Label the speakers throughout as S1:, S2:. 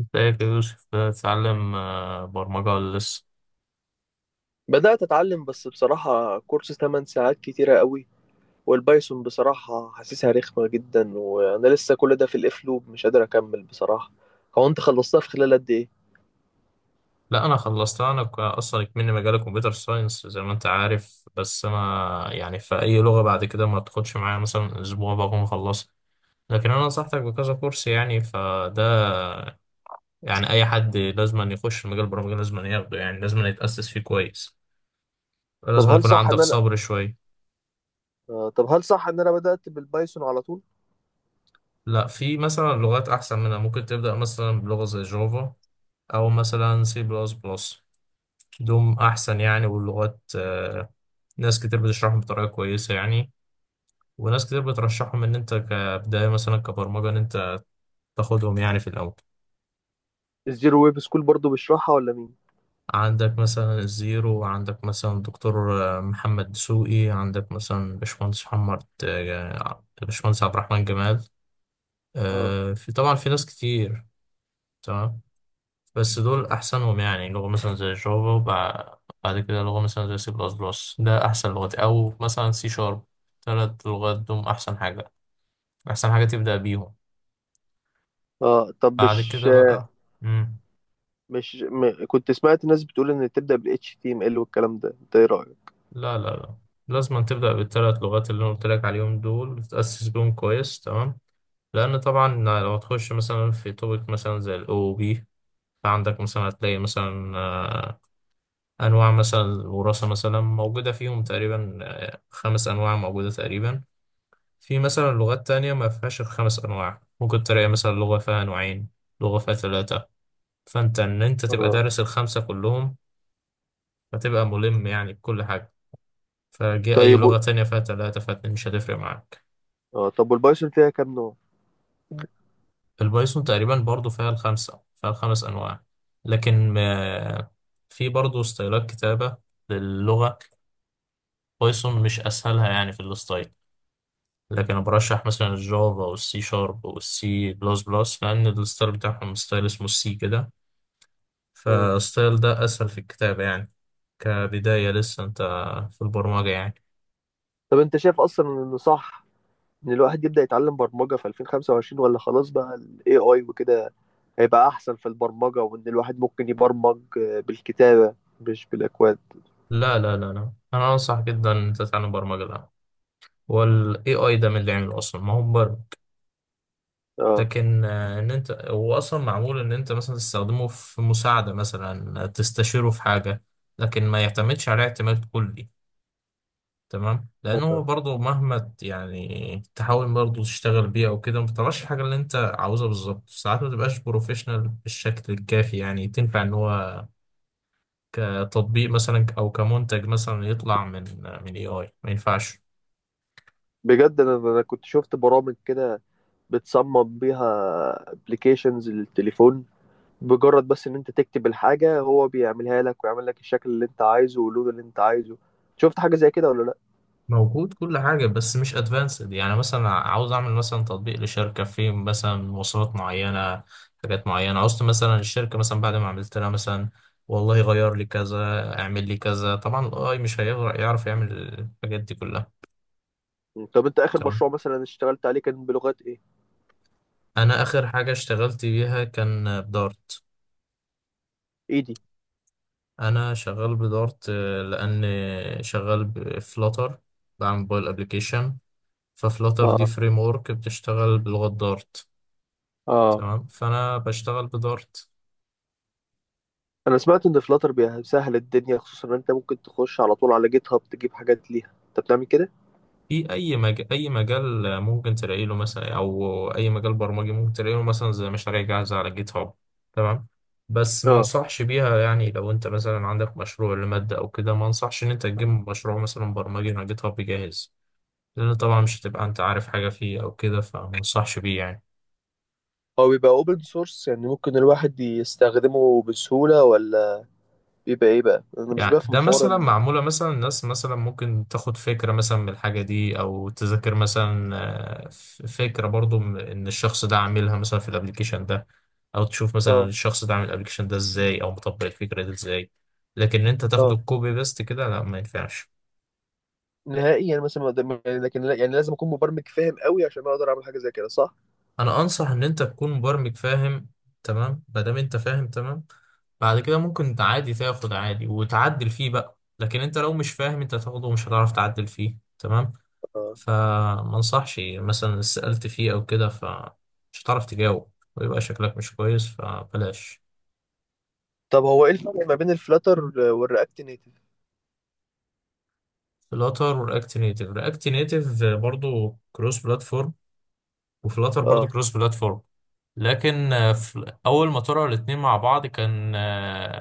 S1: ازيك يا يوسف، بتتعلم برمجة ولا لسه؟
S2: بدأت أتعلم، بس بصراحة كورس 8 ساعات كتيرة قوي. والبايثون بصراحة حاسسها رخمة جدا، وأنا لسه كل ده في الإف لوب، مش قادر أكمل بصراحة. هو أنت خلصتها في خلال قد إيه؟
S1: لا، أنا خلصتها. أصلا كمني مجال كمبيوتر ساينس زي ما أنت عارف. بس أنا يعني في أي لغة بعد كده ما تاخدش معايا مثلا أسبوع بكون مخلصها. لكن أنا نصحتك بكذا كورس يعني، فده يعني أي حد لازم أن يخش مجال البرمجة لازم أن ياخده، يعني لازم أن يتأسس فيه كويس.
S2: طب
S1: لازم
S2: هل
S1: يكون
S2: صح
S1: عندك
S2: إن أنا
S1: صبر شوية.
S2: طب هل صح إن أنا بدأت بالبايثون على طول؟
S1: لا، في مثلا لغات أحسن منها. ممكن تبدأ مثلا بلغة زي جافا، أو مثلا سي بلس بلس. دوم أحسن يعني، واللغات ناس كتير بتشرحهم بطريقة كويسة يعني. وناس كتير بترشحهم إن أنت كبداية مثلا كبرمجة إن أنت تاخدهم يعني في الأول.
S2: الزيرو ويب سكول برضو بيشرحها ولا مين؟
S1: عندك مثلا الزيرو، عندك مثلا دكتور محمد دسوقي، عندك مثلا باشمهندس محمد، باشمهندس عبد الرحمن جمال.
S2: آه
S1: في طبعا في ناس كتير. تمام. بس دول أحسنهم. يعني لغة مثلا زي جافا، بعد كده لغة مثلا زي سي بلس بلس، ده أحسن لغات، أو مثلا سي شارب. تلات لغات دول أحسن حاجة، أحسن حاجة تبدأ بيهم
S2: آه. طب
S1: بعد
S2: مش
S1: كده بقى. مم.
S2: مش م... كنت سمعت ناس بتقول إن تبدأ بال HTML والكلام ده، أنت إيه رأيك؟
S1: لا لا لا، لازم أن تبدأ بالثلاث لغات اللي أنا قلت لك عليهم دول وتتأسس بيهم كويس. تمام. لأن طبعا لو تخش مثلا في توبيك مثلا زي ال OOP، فعندك مثلا هتلاقي مثلا أنواع مثلا الوراثة مثلا موجودة فيهم، تقريبا خمس أنواع موجودة تقريبا. في مثلا لغات تانية ما فيهاش الخمس أنواع، ممكن تلاقي مثلا لغة فيها نوعين، لغة فيها ثلاثة. فأنت إن أنت تبقى
S2: آه.
S1: دارس الخمسة كلهم، فتبقى ملم يعني بكل حاجة. فجه أي
S2: طيب
S1: لغة تانية فيها تلاتة فيها اتنين مش هتفرق معاك.
S2: آه، طب والبايثون فيها كام نوع؟
S1: البايثون تقريبا برضو فيها الخمسة، فيها الخمس أنواع. لكن في برضو ستايلات كتابة للغة. بايثون مش أسهلها يعني في الستايل. لكن أنا برشح مثلا الجافا والسي شارب والسي بلس بلس، لأن الستايل بتاعهم ستايل اسمه السي كده.
S2: آه.
S1: فالستايل ده أسهل في الكتابة يعني، كبداية لسه أنت في البرمجة يعني.
S2: طب أنت شايف أصلا إنه صح ان الواحد يبدأ يتعلم برمجة في 2025، ولا خلاص بقى ال AI وكده هيبقى احسن في البرمجة، وان الواحد ممكن يبرمج بالكتابة، مش بالاكواد.
S1: لا لا لا لا، أنا أنصح جدا أنت تتعلم برمجة الأول. والاي اي ده من اللي عمله اصلا ما هو برمج.
S2: اه.
S1: لكن ان انت هو اصلا معمول ان انت مثلا تستخدمه في مساعده، مثلا تستشيره في حاجه. لكن ما يعتمدش عليه اعتماد كلي. تمام، لانه
S2: آه.
S1: برضه مهما يعني تحاول برضه تشتغل بيه او كده ما بتطلعش الحاجه اللي انت عاوزها بالظبط. ساعات ما تبقاش بروفيشنال بالشكل الكافي يعني تنفع ان هو كتطبيق مثلا او كمنتج مثلا يطلع من اي اي، ما ينفعش.
S2: بجد انا كنت شفت برامج كده، بتصمم بيها ابلكيشنز للتليفون، بمجرد بس ان انت تكتب الحاجة هو بيعملها لك ويعمل لك الشكل اللي انت عايزه واللون اللي انت عايزه. شفت حاجة زي كده ولا لا؟
S1: موجود كل حاجة بس مش ادفانسد، يعني مثلا عاوز اعمل مثلا تطبيق لشركة في مثلا مواصفات معينة، حاجات معينة عاوزت مثلا الشركة. مثلا بعد ما عملت لها مثلا والله غير لي كذا، اعمل لي كذا، طبعا الاي مش هيعرف يعمل الحاجات دي كلها.
S2: طب انت اخر
S1: تمام،
S2: مشروع مثلا اشتغلت عليه كان بلغات ايه؟
S1: انا اخر حاجة اشتغلت بيها كان بدارت.
S2: ايدي.
S1: انا شغال بدارت، لان شغال بفلاتر، بعمل موبايل ابلكيشن. ففلاتر دي
S2: اه،
S1: فريم ورك بتشتغل بلغة دارت.
S2: اه.
S1: تمام، فانا بشتغل بدارت.
S2: انا سمعت ان فلاتر بيسهل الدنيا، خصوصا ان انت ممكن تخش على طول على جيت هاب تجيب حاجات ليها، انت بتعمل كده؟
S1: في اي مجال ممكن تلاقي له مثلا، او اي مجال برمجي ممكن تلاقي له مثلا زي مشاريع جاهزه على جيت هاب. تمام، بس ما
S2: اه.
S1: انصحش بيها. يعني لو انت مثلا عندك مشروع لماده او كده، ما انصحش ان انت تجيب مشروع مثلا برمجي على جيت هاب جاهز. لان طبعا مش هتبقى انت عارف حاجه فيه او كده، فما انصحش بيه يعني.
S2: هو بيبقى اوبن سورس، يعني ممكن الواحد يستخدمه بسهولة، ولا بيبقى ايه بقى؟ انا مش
S1: يعني
S2: بفهم
S1: ده
S2: حوار
S1: مثلا معمولة مثلا الناس مثلا ممكن تاخد فكرة مثلا من الحاجة دي أو تذاكر مثلا فكرة، برضو إن الشخص ده عاملها مثلا في الأبليكيشن ده، أو تشوف مثلا
S2: اه،
S1: الشخص ده عامل الأبليكيشن ده إزاي أو مطبق الفكرة دي إزاي. لكن إن أنت
S2: اه.
S1: تاخده كوبي بيست كده، لا ما ينفعش.
S2: نهائي، يعني مثلا ما قدام- يعني لكن يعني لازم اكون مبرمج فاهم قوي عشان اقدر اعمل حاجة زي كده، صح؟
S1: أنا أنصح إن أنت تكون مبرمج فاهم. تمام، ما دام أنت فاهم تمام، بعد كده ممكن عادي تاخد عادي وتعدل فيه بقى. لكن أنت لو مش فاهم، أنت هتاخده ومش هتعرف تعدل فيه. تمام،
S2: اه.
S1: فما انصحش. يعني مثلا سألت فيه أو كده فمش هتعرف تجاوب ويبقى شكلك مش كويس، فبلاش.
S2: طب هو ايه الفرق ما بين الفلاتر والرياكت نيتف؟
S1: فلاتر ورياكت نيتف، رياكت نيتف برضو كروس بلاتفورم، وفلاتر برضو
S2: اه،
S1: كروس بلاتفورم. لكن في أول ما طلعوا الاتنين مع بعض كان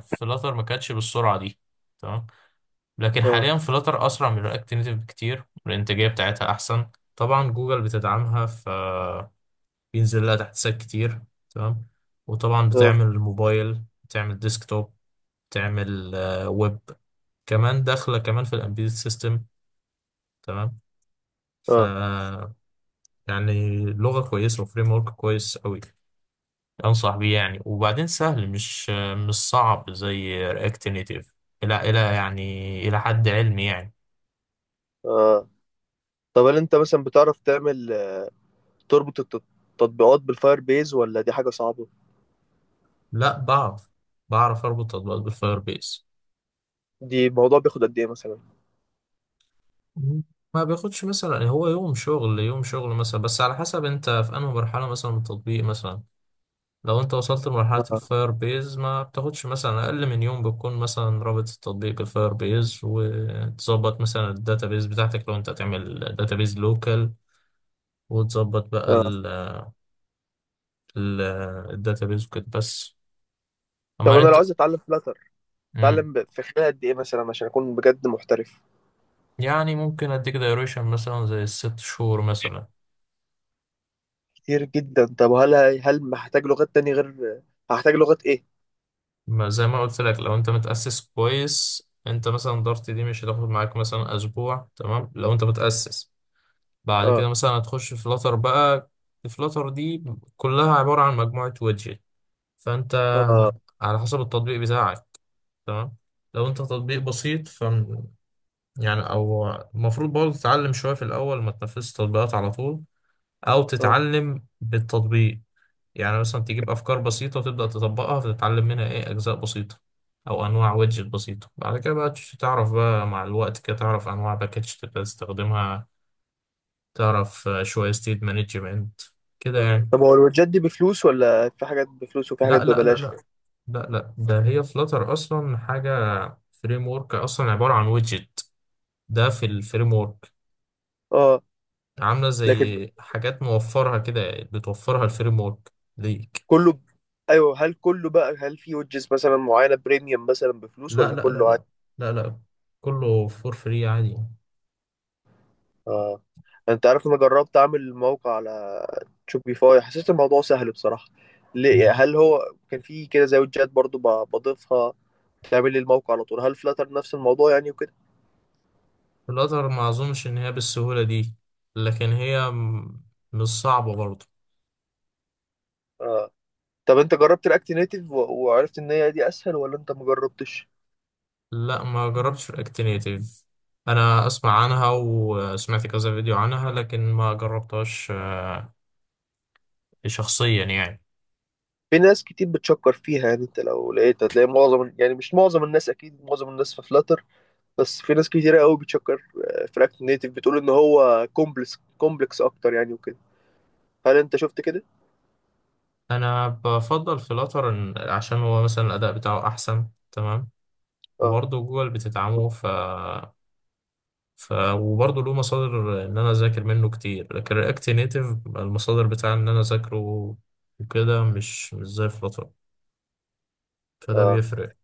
S1: فلاتر ما كانتش بالسرعة دي. تمام، لكن
S2: اه،
S1: حاليا فلاتر أسرع من رياكت نيتف بكتير، والإنتاجية بتاعتها أحسن. طبعا جوجل بتدعمها، ف بينزل لها تحت سات كتير. تمام، وطبعا
S2: اه،
S1: بتعمل موبايل، بتعمل ديسكتوب، بتعمل ويب. كمان داخلة كمان في الامبيد سيستم. تمام، ف
S2: اه،
S1: يعني لغة كويسة وفريم ورك كويس قوي. انصح بيه يعني، وبعدين سهل، مش صعب زي رياكت نيتيف. الى يعني الى حد علمي يعني.
S2: اه. طب هل انت مثلا بتعرف تعمل تربط التطبيقات بالفاير بيز، ولا دي حاجة صعبة؟
S1: لا، بعرف اربط تطبيقات بالفاير بيس.
S2: دي الموضوع بياخد قد ايه مثلا؟
S1: ما بياخدش مثلا، يعني هو يوم شغل، يوم شغل مثلا. بس على حسب انت في انهي مرحلة مثلا من التطبيق مثلا. لو انت وصلت لمرحلة
S2: اه،
S1: الفاير بيز ما بتاخدش مثلا اقل من يوم. بتكون مثلا رابط التطبيق بالفاير بيز وتظبط مثلا الداتابيز بتاعتك لو انت هتعمل داتابيز لوكال. وتظبط بقى
S2: اه.
S1: ال ال الداتابيز وكده بس، اما
S2: طب انا لو
S1: انت.
S2: عايز اتعلم فلاتر
S1: مم.
S2: اتعلم في خلال قد ايه مثلا عشان اكون بجد محترف؟
S1: يعني ممكن اديك دايريشن مثلا زي الست شهور مثلا.
S2: كتير جدا. طب هل هحتاج لغات تاني غير هحتاج لغات ايه؟
S1: ما زي ما قلت لك، لو انت متأسس كويس، انت مثلا دارت دي مش هتاخد معاك مثلا اسبوع. تمام لو انت متأسس، بعد كده
S2: اه،
S1: مثلا هتخش فلاتر بقى. الفلاتر دي كلها عبارة عن مجموعة ويدجت. فانت
S2: اه،
S1: على حسب التطبيق بتاعك. تمام، لو انت تطبيق بسيط ف يعني او المفروض برضه تتعلم شوية في الاول، ما تنفذش تطبيقات على طول، او
S2: اه،
S1: تتعلم بالتطبيق. يعني مثلا تجيب أفكار بسيطة وتبدأ تطبقها، فتتعلم منها إيه أجزاء بسيطة، أو أنواع ويدجت بسيطة. بعد كده بقى تعرف بقى مع الوقت كده، تعرف أنواع باكج تبدأ تستخدمها، تعرف شوية ستيت مانجمنت كده
S2: اه.
S1: يعني.
S2: طب هو الوجات دي بفلوس، ولا في حاجات بفلوس وفي حاجات
S1: لا لا لا
S2: ببلاش؟
S1: لا لا لا، ده هي فلاتر أصلا حاجة. فريم ورك أصلا عبارة عن ويدجت، ده في الفريم ورك.
S2: اه.
S1: عاملة
S2: لكن
S1: زي حاجات موفرها كده، بتوفرها الفريم ورك ليك.
S2: كله ب... ايوه، هل كله بقى هل في وجز مثلا معينة بريميوم مثلا بفلوس،
S1: لا
S2: ولا
S1: لا لا
S2: كله عادي؟
S1: لا لا لا، كله فور فري عادي.
S2: اه. انت عارف، انا جربت اعمل موقع على شوبيفاي، حسيت الموضوع سهل بصراحة. ليه؟ هل هو كان فيه كده زي ويدجات برضو بضيفها تعمل لي الموقع على طول؟ هل فلاتر نفس الموضوع يعني وكده؟
S1: في الأزهر ما أظنش إن هي بالسهولة دي. لكن هي مش صعبة برضه.
S2: آه. طب انت جربت رياكت نيتيف وعرفت ان هي دي اسهل، ولا انت ما جربتش؟
S1: لا، ما جربتش في الأكتينيتيف. أنا أسمع عنها وسمعت كذا فيديو عنها، لكن ما جربتهاش شخصيا يعني.
S2: في ناس كتير بتشكر فيها يعني. انت لو لقيت هتلاقي معظم، يعني مش معظم الناس، اكيد معظم الناس في فلاتر، بس في ناس كتيرة قوي بتشكر في رياكت نيتيف، بتقول ان هو كومبلكس كومبلكس اكتر يعني وكده. هل انت شفت كده؟
S1: أنا بفضل في الأطر، عشان هو مثلا الأداء بتاعه أحسن. تمام،
S2: اه،
S1: وبرضه جوجل بتدعمه، وبرضه له مصادر إن أنا أذاكر منه كتير. لكن الأكتينيتيف المصادر بتاع إن أنا أذاكره وكده، مش زي فلاتر، فده
S2: اه.
S1: بيفرق.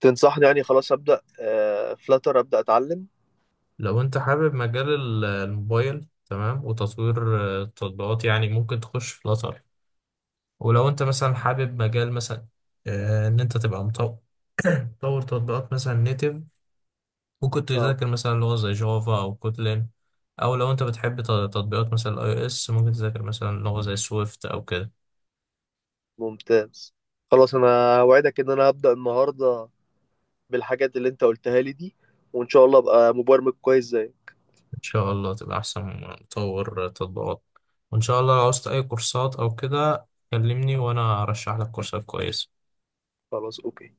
S2: تنصحني يعني خلاص ابدا فلاتر ابدا اتعلم؟
S1: لو انت حابب مجال الموبايل، تمام، وتطوير التطبيقات يعني، ممكن تخش في فلاتر. ولو انت مثلا حابب مجال مثلا ان انت تبقى مطور تطبيقات مثلا نيتف، ممكن
S2: اه.
S1: تذاكر مثلا لغة زي جافا او كوتلين. او لو انت بتحب تطبيقات مثلا اي او اس، ممكن تذاكر مثلا لغة زي سويفت او كده.
S2: ممتاز. خلاص، انا اوعدك ان انا هبدا النهارده بالحاجات اللي انت قلتها لي دي، وان شاء الله ابقى مبرمج كويس زي.
S1: ان شاء الله تبقى احسن مطور تطبيقات. وان شاء الله لو عاوزت اي كورسات او كده كلمني وانا ارشح لك كورسات كويسة.
S2: خلاص. اوكي.